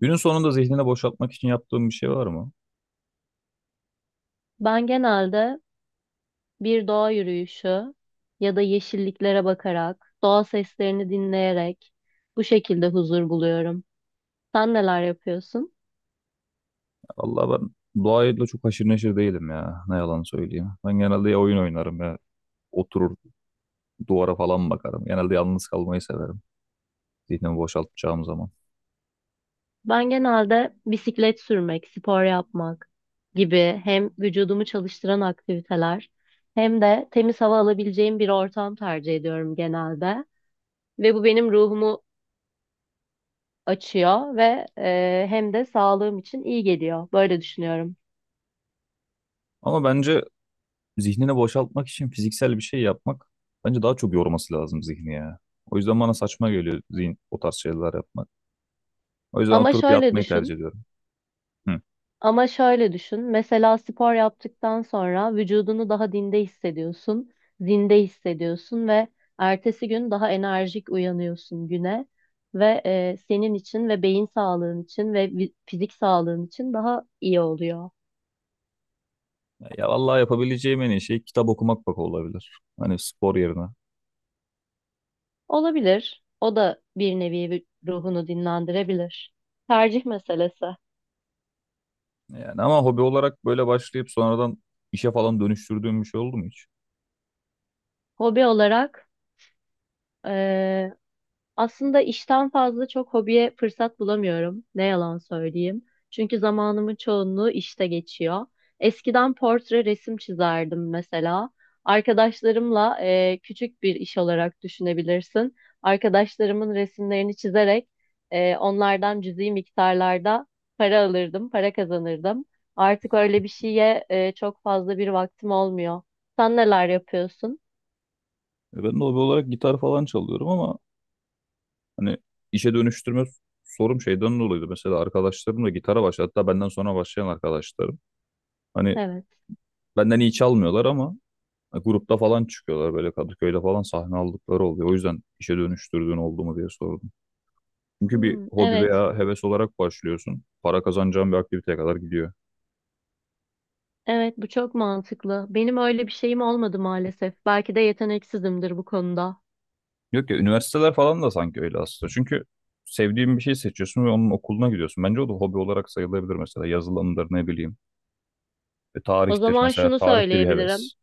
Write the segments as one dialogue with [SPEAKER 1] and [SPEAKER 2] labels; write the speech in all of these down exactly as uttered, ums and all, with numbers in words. [SPEAKER 1] Günün sonunda zihnini boşaltmak için yaptığım bir şey var mı?
[SPEAKER 2] Ben genelde bir doğa yürüyüşü ya da yeşilliklere bakarak, doğa seslerini dinleyerek bu şekilde huzur buluyorum. Sen neler yapıyorsun?
[SPEAKER 1] Allah ben doğayla çok haşır neşir değilim ya. Ne yalan söyleyeyim. Ben genelde ya oyun oynarım ya oturur duvara falan bakarım. Genelde yalnız kalmayı severim zihnimi boşaltacağım zaman.
[SPEAKER 2] Ben genelde bisiklet sürmek, spor yapmak gibi hem vücudumu çalıştıran aktiviteler hem de temiz hava alabileceğim bir ortam tercih ediyorum genelde. Ve bu benim ruhumu açıyor ve eee, hem de sağlığım için iyi geliyor. Böyle düşünüyorum.
[SPEAKER 1] Ama bence zihnini boşaltmak için fiziksel bir şey yapmak bence daha çok yorması lazım zihni ya. O yüzden bana saçma geliyor zihin o tarz şeyler yapmak. O yüzden
[SPEAKER 2] Ama
[SPEAKER 1] oturup
[SPEAKER 2] şöyle
[SPEAKER 1] yatmayı tercih
[SPEAKER 2] düşün.
[SPEAKER 1] ediyorum. Hı.
[SPEAKER 2] Ama şöyle düşün. Mesela spor yaptıktan sonra vücudunu daha dinde hissediyorsun, zinde hissediyorsun ve ertesi gün daha enerjik uyanıyorsun güne ve e, senin için ve beyin sağlığın için ve vi- fizik sağlığın için daha iyi oluyor.
[SPEAKER 1] Ya vallahi yapabileceğim en iyi şey kitap okumak bak olabilir. Hani spor yerine.
[SPEAKER 2] Olabilir. O da bir nevi vü- ruhunu dinlendirebilir. Tercih meselesi.
[SPEAKER 1] Yani ama hobi olarak böyle başlayıp sonradan işe falan dönüştürdüğüm bir şey oldu mu hiç?
[SPEAKER 2] Hobi olarak aslında işten fazla çok hobiye fırsat bulamıyorum. Ne yalan söyleyeyim. Çünkü zamanımın çoğunluğu işte geçiyor. Eskiden portre resim çizerdim mesela. Arkadaşlarımla e, küçük bir iş olarak düşünebilirsin. Arkadaşlarımın resimlerini çizerek e, onlardan cüzi miktarlarda para alırdım, para kazanırdım. Artık öyle bir şeye e, çok fazla bir vaktim olmuyor. Sen neler yapıyorsun?
[SPEAKER 1] E ben de hobi olarak gitar falan çalıyorum ama hani işe dönüştürme sorum şeyden dolayıydı. Mesela arkadaşlarım da gitara başladı. Hatta benden sonra başlayan arkadaşlarım. Hani
[SPEAKER 2] Evet.
[SPEAKER 1] benden iyi çalmıyorlar ama grupta falan çıkıyorlar, böyle Kadıköy'de falan sahne aldıkları oluyor. O yüzden işe dönüştürdüğün oldu mu diye sordum. Çünkü bir
[SPEAKER 2] Hmm,
[SPEAKER 1] hobi
[SPEAKER 2] evet.
[SPEAKER 1] veya heves olarak başlıyorsun. Para kazanacağın bir aktiviteye kadar gidiyor.
[SPEAKER 2] Evet, bu çok mantıklı. Benim öyle bir şeyim olmadı maalesef. Belki de yeteneksizimdir bu konuda.
[SPEAKER 1] Yok ya, üniversiteler falan da sanki öyle aslında. Çünkü sevdiğin bir şey seçiyorsun ve onun okuluna gidiyorsun. Bence o da hobi olarak sayılabilir, mesela yazılımdır ne bileyim. E,
[SPEAKER 2] O
[SPEAKER 1] tarihtir
[SPEAKER 2] zaman
[SPEAKER 1] mesela,
[SPEAKER 2] şunu
[SPEAKER 1] tarih de bir
[SPEAKER 2] söyleyebilirim.
[SPEAKER 1] heves.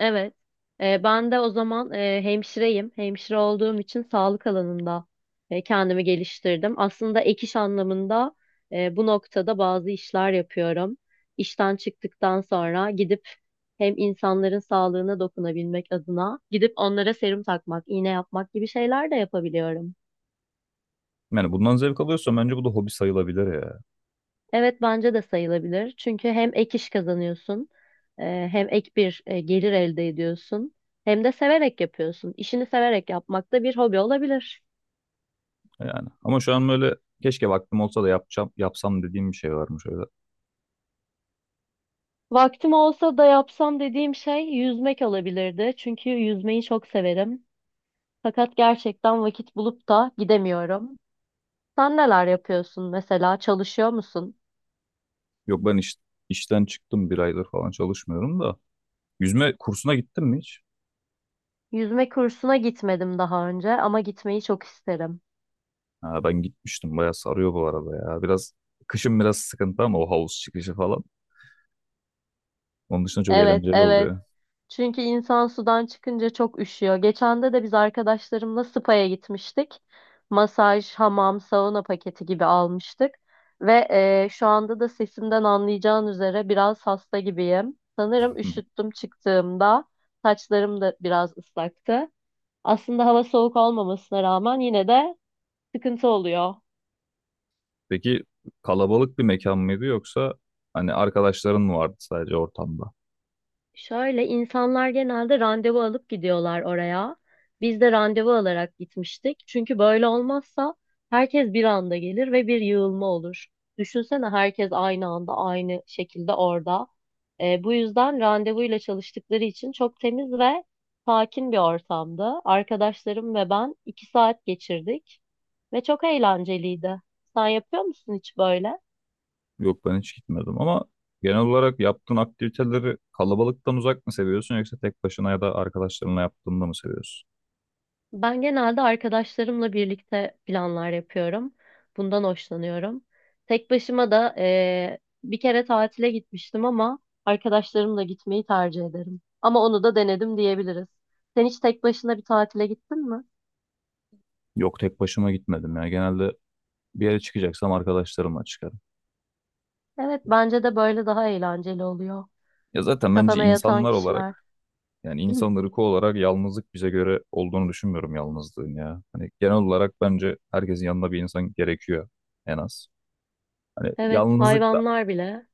[SPEAKER 2] Evet, e, ben de o zaman e, hemşireyim. Hemşire olduğum için sağlık alanında e, kendimi geliştirdim. Aslında ek iş anlamında e, bu noktada bazı işler yapıyorum. İşten çıktıktan sonra gidip hem insanların sağlığına dokunabilmek adına gidip onlara serum takmak, iğne yapmak gibi şeyler de yapabiliyorum.
[SPEAKER 1] Yani bundan zevk alıyorsan bence bu da hobi sayılabilir ya.
[SPEAKER 2] Evet bence de sayılabilir. Çünkü hem ek iş kazanıyorsun, e, hem ek bir e, gelir elde ediyorsun, hem de severek yapıyorsun. İşini severek yapmak da bir hobi olabilir.
[SPEAKER 1] Yani ama şu an böyle keşke vaktim olsa da yapacağım yapsam dediğim bir şey varmış öyle.
[SPEAKER 2] Vaktim olsa da yapsam dediğim şey yüzmek olabilirdi. Çünkü yüzmeyi çok severim. Fakat gerçekten vakit bulup da gidemiyorum. Sen neler yapıyorsun mesela? Çalışıyor musun?
[SPEAKER 1] Yok ben iş, işten çıktım, bir aydır falan çalışmıyorum da. Yüzme kursuna gittin mi hiç?
[SPEAKER 2] Yüzme kursuna gitmedim daha önce ama gitmeyi çok isterim.
[SPEAKER 1] Ha, ben gitmiştim, bayağı sarıyor bu arada ya. Biraz kışın biraz sıkıntı, ama o havuz çıkışı falan. Onun dışında çok
[SPEAKER 2] Evet,
[SPEAKER 1] eğlenceli
[SPEAKER 2] evet.
[SPEAKER 1] oluyor.
[SPEAKER 2] Çünkü insan sudan çıkınca çok üşüyor. Geçen de de biz arkadaşlarımla spa'ya gitmiştik. Masaj, hamam, sauna paketi gibi almıştık. Ve eee, şu anda da sesimden anlayacağın üzere biraz hasta gibiyim. Sanırım üşüttüm çıktığımda. Saçlarım da biraz ıslaktı. Aslında hava soğuk olmamasına rağmen yine de sıkıntı oluyor.
[SPEAKER 1] Peki kalabalık bir mekan mıydı, yoksa hani arkadaşların mı vardı sadece ortamda?
[SPEAKER 2] Şöyle insanlar genelde randevu alıp gidiyorlar oraya. Biz de randevu alarak gitmiştik. Çünkü böyle olmazsa herkes bir anda gelir ve bir yığılma olur. Düşünsene herkes aynı anda aynı şekilde orada. Ee, bu yüzden randevuyla çalıştıkları için çok temiz ve sakin bir ortamdı. Arkadaşlarım ve ben iki saat geçirdik ve çok eğlenceliydi. Sen yapıyor musun hiç böyle?
[SPEAKER 1] Yok ben hiç gitmedim ama genel olarak yaptığın aktiviteleri kalabalıktan uzak mı seviyorsun, yoksa tek başına ya da arkadaşlarınla yaptığında mı seviyorsun?
[SPEAKER 2] Ben genelde arkadaşlarımla birlikte planlar yapıyorum. Bundan hoşlanıyorum. Tek başıma da eee, bir kere tatile gitmiştim ama arkadaşlarımla gitmeyi tercih ederim. Ama onu da denedim diyebiliriz. Sen hiç tek başına bir tatile gittin mi?
[SPEAKER 1] Yok, tek başıma gitmedim ya. Genelde bir yere çıkacaksam arkadaşlarımla çıkarım.
[SPEAKER 2] Evet, bence de böyle daha eğlenceli oluyor.
[SPEAKER 1] Ya zaten bence
[SPEAKER 2] Kafana yatan
[SPEAKER 1] insanlar
[SPEAKER 2] kişiler.
[SPEAKER 1] olarak, yani insan ırkı olarak yalnızlık bize göre olduğunu düşünmüyorum yalnızlığın ya. Hani genel olarak bence herkesin yanında bir insan gerekiyor en az. Hani
[SPEAKER 2] Evet,
[SPEAKER 1] yalnızlık da.
[SPEAKER 2] hayvanlar bile.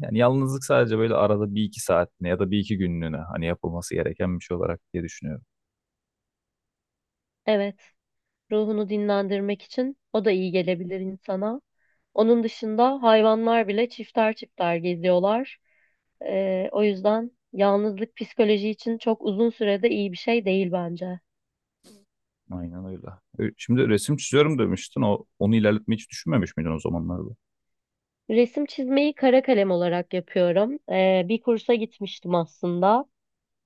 [SPEAKER 1] Yani yalnızlık sadece böyle arada bir iki saatine ya da bir iki günlüğüne hani yapılması gereken bir şey olarak diye düşünüyorum.
[SPEAKER 2] Evet, ruhunu dinlendirmek için o da iyi gelebilir insana. Onun dışında hayvanlar bile çifter çifter geziyorlar. Ee, o yüzden yalnızlık psikoloji için çok uzun sürede iyi bir şey değil bence.
[SPEAKER 1] Aynen öyle. Ö- Şimdi resim çiziyorum demiştin. O, onu ilerletmeyi hiç düşünmemiş miydin o zamanlarda?
[SPEAKER 2] Resim çizmeyi kara kalem olarak yapıyorum. Ee, bir kursa gitmiştim aslında.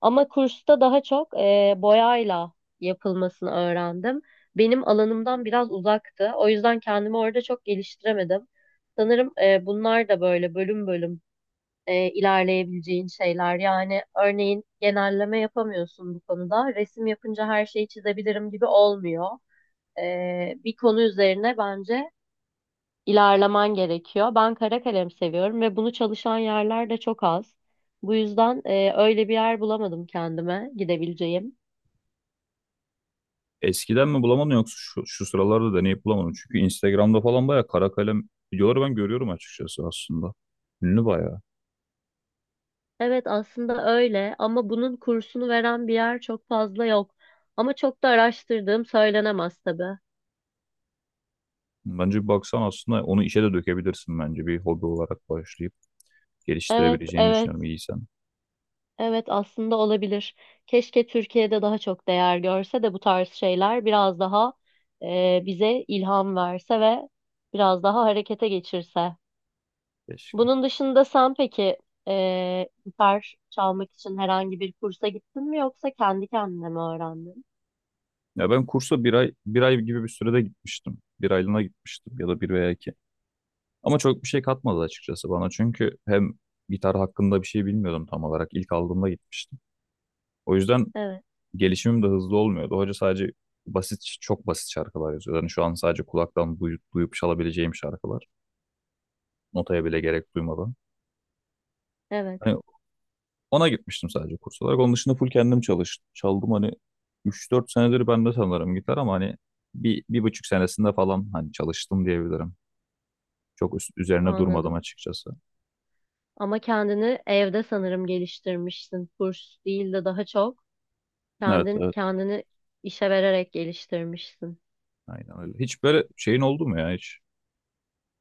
[SPEAKER 2] Ama kursta daha çok e, boyayla yapılmasını öğrendim. Benim alanımdan biraz uzaktı. O yüzden kendimi orada çok geliştiremedim. Sanırım e, bunlar da böyle bölüm bölüm e, ilerleyebileceğin şeyler. Yani örneğin genelleme yapamıyorsun bu konuda. Resim yapınca her şeyi çizebilirim gibi olmuyor. E, bir konu üzerine bence ilerlemen gerekiyor. Ben kara kalem seviyorum ve bunu çalışan yerler de çok az. Bu yüzden e, öyle bir yer bulamadım kendime gidebileceğim.
[SPEAKER 1] Eskiden mi bulamadın, yoksa şu, şu sıralarda deneyip bulamadın? Çünkü Instagram'da falan bayağı kara kalem videoları ben görüyorum açıkçası aslında. Ünlü bayağı.
[SPEAKER 2] Evet aslında öyle ama bunun kursunu veren bir yer çok fazla yok. Ama çok da araştırdığım söylenemez tabii.
[SPEAKER 1] Bence bir baksan aslında onu işe de dökebilirsin bence. Bir hobi olarak başlayıp
[SPEAKER 2] Evet,
[SPEAKER 1] geliştirebileceğini
[SPEAKER 2] evet.
[SPEAKER 1] düşünüyorum iyiysen.
[SPEAKER 2] Evet aslında olabilir. Keşke Türkiye'de daha çok değer görse de bu tarz şeyler biraz daha e, bize ilham verse ve biraz daha harekete geçirse.
[SPEAKER 1] Keşke.
[SPEAKER 2] Bunun dışında sen peki e, gitar çalmak için herhangi bir kursa gittin mi yoksa kendi kendine mi öğrendin?
[SPEAKER 1] Ya ben kursa bir ay bir ay gibi bir sürede gitmiştim. Bir aylığına gitmiştim, ya da bir veya iki. Ama çok bir şey katmadı açıkçası bana. Çünkü hem gitar hakkında bir şey bilmiyordum tam olarak. İlk aldığımda gitmiştim. O yüzden
[SPEAKER 2] Evet,
[SPEAKER 1] gelişimim de hızlı olmuyordu. Hoca sadece basit, çok basit şarkılar yazıyor. Yani şu an sadece kulaktan duyup, duyup çalabileceğim şarkılar. Notaya bile gerek duymadan.
[SPEAKER 2] evet,
[SPEAKER 1] Hani ona gitmiştim sadece kurs olarak. Onun dışında full kendim çalıştım. Çaldım, hani üç dört senedir bende sanırım gitar, ama hani bir, bir buçuk senesinde falan hani çalıştım diyebilirim. Çok üst- üzerine durmadım
[SPEAKER 2] anladım.
[SPEAKER 1] açıkçası.
[SPEAKER 2] Ama kendini evde sanırım geliştirmişsin. Kurs değil de daha çok
[SPEAKER 1] Evet
[SPEAKER 2] kendin
[SPEAKER 1] evet.
[SPEAKER 2] kendini işe vererek geliştirmişsin.
[SPEAKER 1] Aynen öyle. Hiç böyle şeyin oldu mu ya hiç?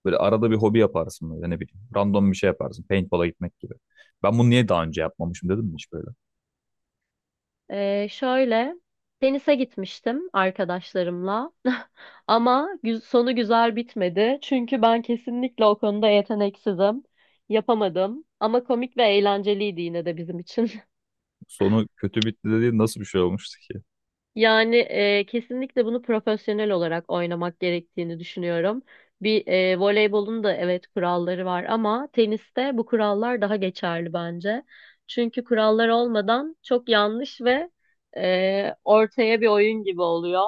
[SPEAKER 1] Böyle arada bir hobi yaparsın, böyle ne bileyim. Random bir şey yaparsın. Paintball'a gitmek gibi. Ben bunu niye daha önce yapmamışım dedim mi hiç böyle?
[SPEAKER 2] Ee, şöyle tenise gitmiştim arkadaşlarımla ama gü- sonu güzel bitmedi çünkü ben kesinlikle o konuda yeteneksizim, yapamadım, ama komik ve eğlenceliydi yine de bizim için.
[SPEAKER 1] Sonu kötü bitti dediğin nasıl bir şey olmuştu ki?
[SPEAKER 2] Yani e, kesinlikle bunu profesyonel olarak oynamak gerektiğini düşünüyorum. Bir e, voleybolun da evet kuralları var ama teniste bu kurallar daha geçerli bence. Çünkü kurallar olmadan çok yanlış ve e, ortaya bir oyun gibi oluyor.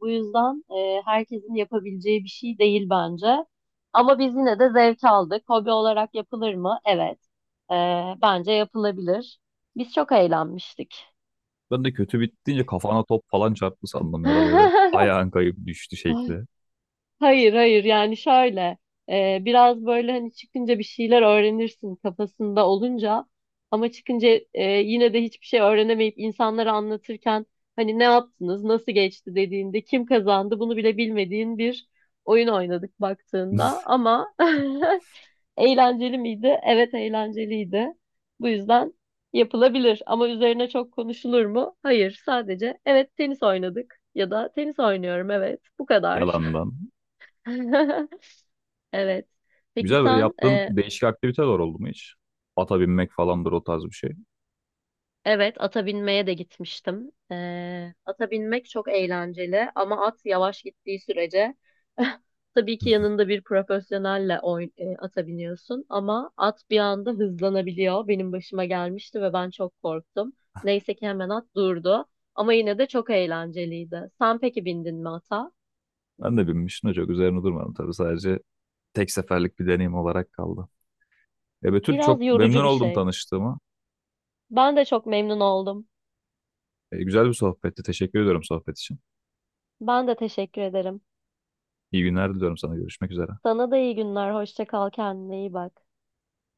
[SPEAKER 2] Bu yüzden e, herkesin yapabileceği bir şey değil bence. Ama biz yine de zevk aldık. Hobi olarak yapılır mı? Evet. E, Bence yapılabilir. Biz çok eğlenmiştik.
[SPEAKER 1] Ben de kötü bitti deyince kafana top falan çarptı sandım, ya da böyle ayağın kayıp düştü şekli.
[SPEAKER 2] Hayır, hayır, yani şöyle e, biraz böyle hani çıkınca bir şeyler öğrenirsin kafasında olunca ama çıkınca e, yine de hiçbir şey öğrenemeyip insanlara anlatırken hani ne yaptınız, nasıl geçti dediğinde kim kazandı bunu bile bilmediğin bir oyun oynadık baktığında ama eğlenceli miydi? Evet, eğlenceliydi. Bu yüzden yapılabilir ama üzerine çok konuşulur mu? Hayır, sadece evet, tenis oynadık ya da tenis oynuyorum, evet, bu kadar.
[SPEAKER 1] Yalandan.
[SPEAKER 2] Evet. Peki
[SPEAKER 1] Güzel böyle
[SPEAKER 2] sen
[SPEAKER 1] yaptığın
[SPEAKER 2] e,
[SPEAKER 1] değişik aktiviteler oldu mu hiç? Ata binmek falandır o tarz bir şey.
[SPEAKER 2] evet, ata binmeye de gitmiştim. E, ata binmek çok eğlenceli ama at yavaş gittiği sürece tabii ki yanında bir profesyonelle oyn e, ata biniyorsun ama at bir anda hızlanabiliyor. Benim başıma gelmişti ve ben çok korktum. Neyse ki hemen at durdu ama yine de çok eğlenceliydi. Sen peki bindin mi ata?
[SPEAKER 1] Ben de binmiştim de çok üzerine durmadım tabii, sadece tek seferlik bir deneyim olarak kaldı. E, Betül çok
[SPEAKER 2] Biraz
[SPEAKER 1] memnun
[SPEAKER 2] yorucu bir
[SPEAKER 1] oldum
[SPEAKER 2] şey.
[SPEAKER 1] tanıştığıma.
[SPEAKER 2] Ben de çok memnun oldum.
[SPEAKER 1] E, güzel bir sohbetti. Teşekkür ediyorum sohbet için.
[SPEAKER 2] Ben de teşekkür ederim.
[SPEAKER 1] İyi günler diliyorum sana. Görüşmek üzere.
[SPEAKER 2] Sana da iyi günler. Hoşça kal. Kendine iyi bak.